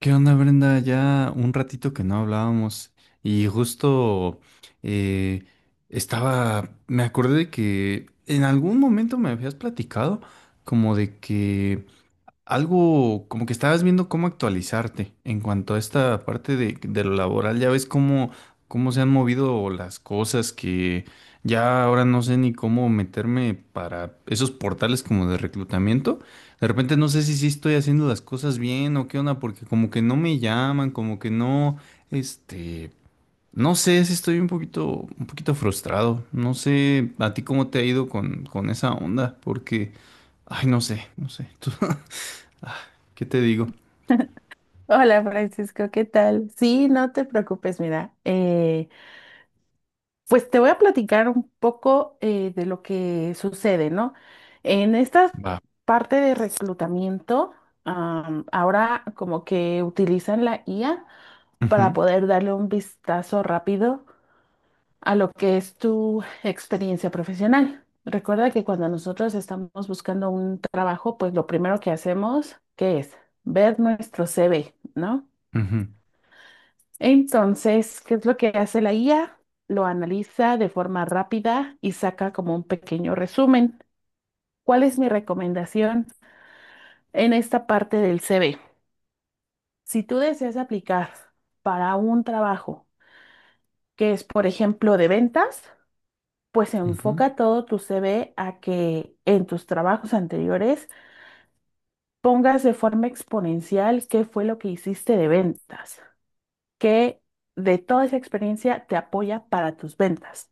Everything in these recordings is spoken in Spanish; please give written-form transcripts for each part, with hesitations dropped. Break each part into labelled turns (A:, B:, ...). A: ¿Qué onda, Brenda? Ya un ratito que no hablábamos y justo eh, estaba, me acordé de que en algún momento me habías platicado como de que algo como que estabas viendo cómo actualizarte en cuanto a esta parte de lo laboral, ya ves cómo, cómo se han movido las cosas que ya ahora no sé ni cómo meterme para esos portales como de reclutamiento. De repente no sé si sí estoy haciendo las cosas bien o qué onda, porque como que no me llaman, como que no, este, no sé si estoy un poquito frustrado. No sé a ti cómo te ha ido con esa onda, porque, ay, no sé, no sé. Tú- Ah, ¿qué te digo?
B: Hola Francisco, ¿qué tal? Sí, no te preocupes, mira, pues te voy a platicar un poco de lo que sucede, ¿no? En esta
A: Va.
B: parte de reclutamiento, ahora como que utilizan la IA para
A: Ujú,
B: poder darle un vistazo rápido a lo que es tu experiencia profesional. Recuerda que cuando nosotros estamos buscando un trabajo, pues lo primero que hacemos, ¿qué es? Ver nuestro CV, ¿no?
A: ujú,
B: Entonces, ¿qué es lo que hace la IA? Lo analiza de forma rápida y saca como un pequeño resumen. ¿Cuál es mi recomendación en esta parte del CV? Si tú deseas aplicar para un trabajo que es, por ejemplo, de ventas, pues
A: ujú.
B: enfoca todo tu CV a que en tus trabajos anteriores pongas de forma exponencial qué fue lo que hiciste de ventas, que de toda esa experiencia te apoya para tus ventas.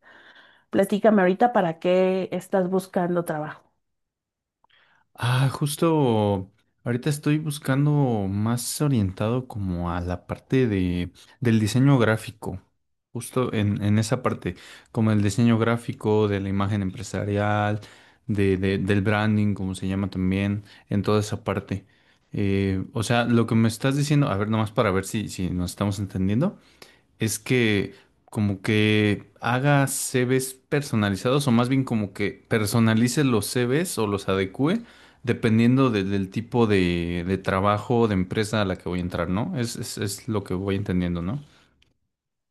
B: Platícame ahorita para qué estás buscando trabajo.
A: Ah, justo ahorita estoy buscando más orientado como a la parte del diseño gráfico, justo en esa parte, como el diseño gráfico de la imagen empresarial, de- del branding, como se llama también, en toda esa parte. O sea, lo que me estás diciendo, a ver, nomás para ver si, si nos estamos entendiendo, es que como que haga CVs personalizados o más bien como que personalice los CVs o los adecue dependiendo de- del tipo de trabajo o de empresa a la que voy a entrar, ¿no? Es lo que voy entendiendo, ¿no?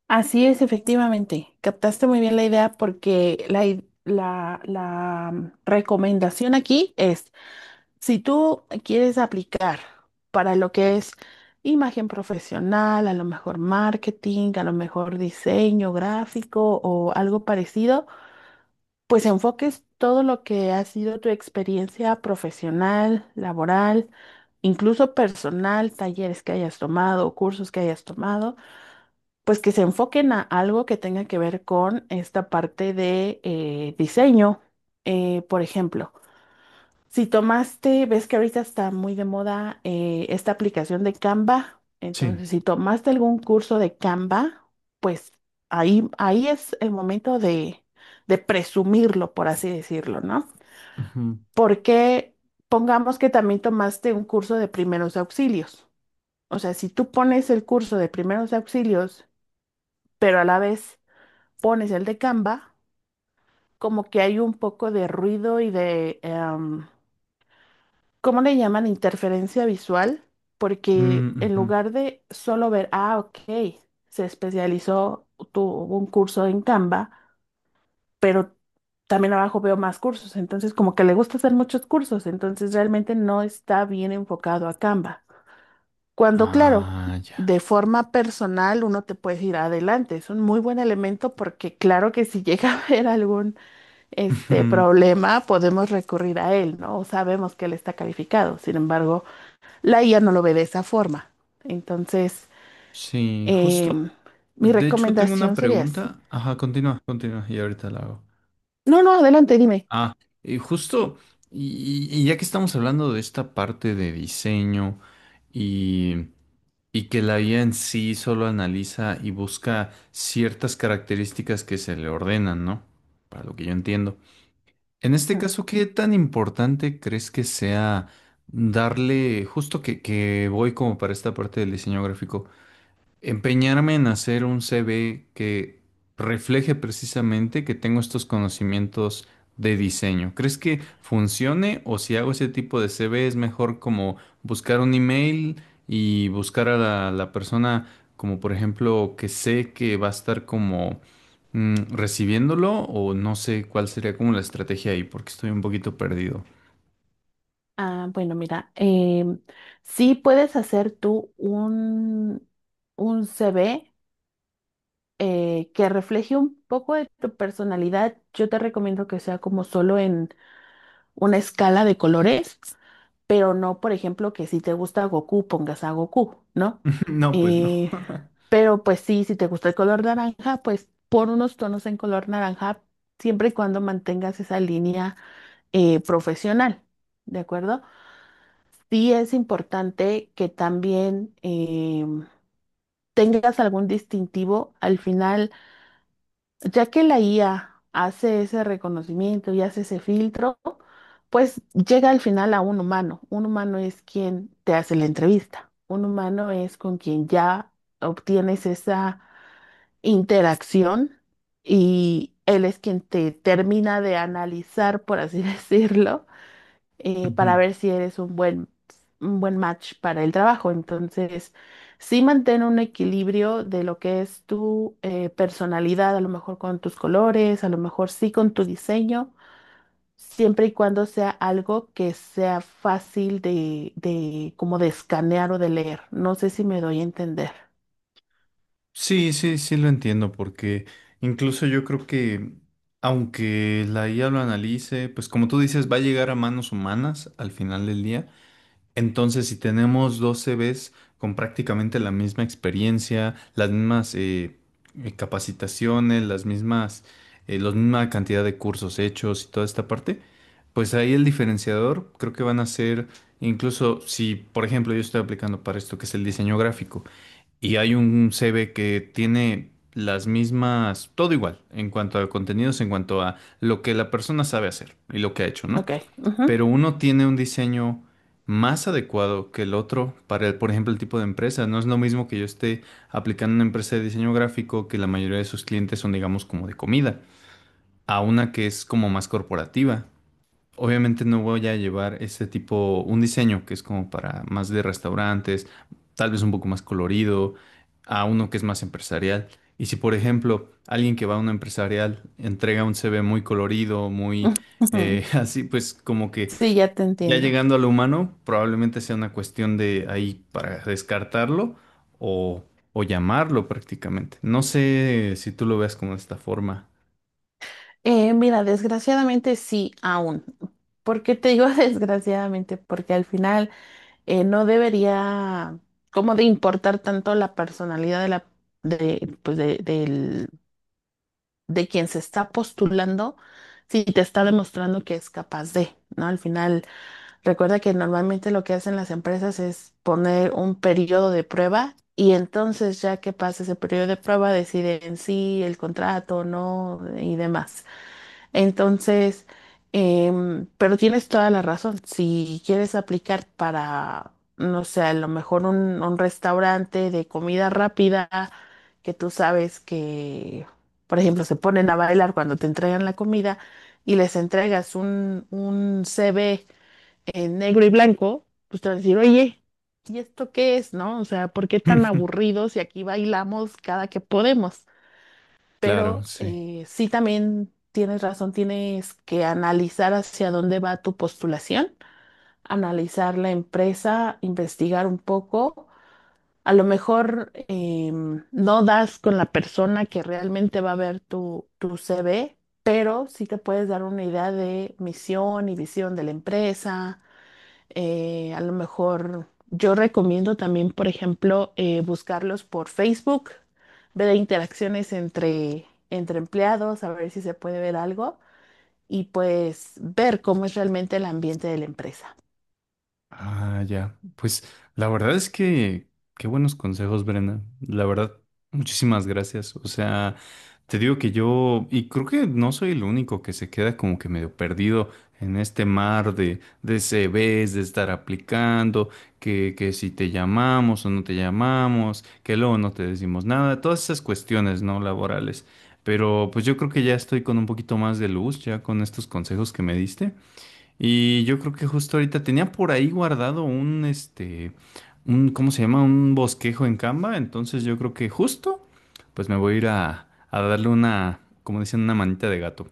B: Así es, efectivamente. Captaste muy bien la idea porque la recomendación aquí es, si tú quieres aplicar para lo que es imagen profesional, a lo mejor marketing, a lo mejor diseño gráfico o algo parecido, pues enfoques todo lo que ha sido tu experiencia profesional, laboral, incluso personal, talleres que hayas tomado, cursos que hayas tomado, pues que se enfoquen a algo que tenga que ver con esta parte de diseño. Por ejemplo, si tomaste, ves que ahorita está muy de moda esta aplicación de Canva.
A: Sí.
B: Entonces, si tomaste algún curso de Canva, pues ahí es el momento de presumirlo, por así decirlo, ¿no?
A: Ujú.
B: Porque pongamos que también tomaste un curso de primeros auxilios. O sea, si tú pones el curso de primeros auxilios, pero a la vez pones el de Canva, como que hay un poco de ruido y de. ¿Cómo le llaman interferencia visual? Porque
A: Mm,
B: en
A: ujú.
B: lugar de solo ver, ah, ok, se especializó, tuvo un curso en Canva, pero también abajo veo más cursos, entonces como que le gusta hacer muchos cursos, entonces realmente no está bien enfocado a Canva. Cuando, claro,
A: Ah, ya.
B: de forma personal uno te puede ir adelante, es un muy buen elemento porque claro que si llega a haber algún este
A: Ujú.
B: problema, podemos recurrir a él, ¿no? O sabemos que él está calificado. Sin embargo, la IA no lo ve de esa forma. Entonces,
A: Sí, justo.
B: em, mi
A: De hecho, tengo una
B: recomendación sería así.
A: pregunta. Ajá, continúa, continúa y ahorita la hago.
B: No, no, adelante, dime.
A: Ah, justo, y ya que estamos hablando de esta parte de diseño y, y que la IA en sí solo analiza y busca ciertas características que se le ordenan, ¿no? Para lo que yo entiendo. En este caso, ¿qué tan importante crees que sea darle, justo que voy como para esta parte del diseño gráfico? Empeñarme en hacer un CV que refleje precisamente que tengo estos conocimientos de diseño. ¿Crees que funcione o si hago ese tipo de CV es mejor como buscar un email y buscar a la persona como por ejemplo que sé que va a estar como recibiéndolo o no sé cuál sería como la estrategia ahí porque estoy un poquito perdido.
B: Ah, bueno, mira, sí puedes hacer tú un CV que refleje un poco de tu personalidad. Yo te recomiendo que sea como solo en una escala de colores, pero no, por ejemplo, que si te gusta Goku, pongas a Goku, ¿no?
A: No, pues no.
B: Eh, Pero pues sí, si te gusta el color naranja, pues pon unos tonos en color naranja siempre y cuando mantengas esa línea profesional, ¿de acuerdo? Sí es importante que también tengas algún distintivo al final, ya que la IA hace ese reconocimiento y hace ese filtro, pues llega al final a un humano. Un humano es quien te hace la entrevista. Un humano es con quien ya obtienes esa interacción y él es quien te termina de analizar, por así decirlo,
A: Ujú.
B: para ver si eres un buen match para el trabajo. Entonces, sí mantén un equilibrio de lo que es tu personalidad, a lo mejor con tus colores, a lo mejor sí con tu diseño. Siempre y cuando sea algo que sea fácil de como de escanear o de leer. No sé si me doy a entender.
A: Sí, sí, sí lo entiendo, porque incluso yo creo que aunque la IA lo analice, pues como tú dices, va a llegar a manos humanas al final del día. Entonces, si tenemos dos CVs con prácticamente la misma experiencia, las mismas capacitaciones, las mismas, la misma cantidad de cursos hechos y toda esta parte, pues ahí el diferenciador creo que van a ser, incluso si, por ejemplo, yo estoy aplicando para esto que es el diseño gráfico y hay un CV que tiene las mismas, todo igual, en cuanto a contenidos, en cuanto a lo que la persona sabe hacer y lo que ha hecho, ¿no?
B: Ok. Ujú.
A: Pero uno tiene un diseño más adecuado que el otro para, el- por ejemplo, el tipo de empresa. No es lo mismo que yo esté aplicando una empresa de diseño gráfico que la mayoría de sus clientes son, digamos, como de comida, a una que es como más corporativa. Obviamente no voy a llevar ese tipo, un diseño que es como para más de restaurantes, tal vez un poco más colorido, a uno que es más empresarial. Y si, por ejemplo, alguien que va a una empresarial entrega un CV muy colorido, muy así, pues como que
B: Sí, ya te
A: ya
B: entiendo.
A: llegando a lo humano, probablemente sea una cuestión de ahí para descartarlo o, o llamarlo prácticamente. No sé si tú lo veas como de esta forma.
B: Mira, desgraciadamente sí, aún. ¿Por qué te digo desgraciadamente? Porque al final no debería como de importar tanto la personalidad de la de, pues de, del- de quien se está postulando si te está demostrando que es capaz de, ¿no? Al final, recuerda que normalmente lo que hacen las empresas es poner un periodo de prueba y entonces ya que pasa ese periodo de prueba deciden si el contrato, o no y demás. Entonces, pero tienes toda la razón. Si quieres aplicar para, no sé, a lo mejor un restaurante de comida rápida que tú sabes que, por ejemplo, se ponen a bailar cuando te entregan la comida y les entregas un CV en negro y blanco, pues te van a decir, oye, ¿y esto qué es, no? O sea, ¿por qué tan aburridos si aquí bailamos cada que podemos?
A: Claro,
B: Pero
A: sí.
B: sí también tienes razón, tienes que analizar hacia dónde va tu postulación, analizar la empresa, investigar un poco. A lo mejor no das con la persona que realmente va a ver tu, tu CV, pero sí te puedes dar una idea de misión y visión de la empresa, a lo mejor yo recomiendo también, por ejemplo, buscarlos por Facebook, ver interacciones entre, entre empleados, a ver si se puede ver algo y pues ver cómo es realmente el ambiente de la empresa.
A: Ah, ya. Pues la verdad es que qué buenos consejos, Brenda. La verdad, muchísimas gracias. O sea, te digo que yo, y creo que no soy el único que se queda como que medio perdido en este mar de CVs, de estar aplicando, que si te llamamos o no te llamamos, que luego no te decimos nada, todas esas cuestiones, ¿no? Laborales. Pero pues yo creo que ya estoy con un poquito más de luz ya con estos consejos que me diste. Y yo creo que justo ahorita tenía por ahí guardado un, ¿cómo se llama? Un bosquejo en Canva. Entonces yo creo que justo, pues me voy a ir a darle una, como dicen, una manita de gato.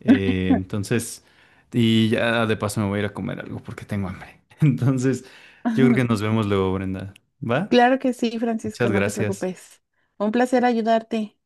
A: Entonces, y ya de paso me voy a ir a comer algo porque tengo hambre. Entonces, yo creo que nos vemos luego, Brenda. ¿Va?
B: Claro que sí, Francisco,
A: Muchas
B: no te
A: gracias.
B: preocupes. Un placer ayudarte.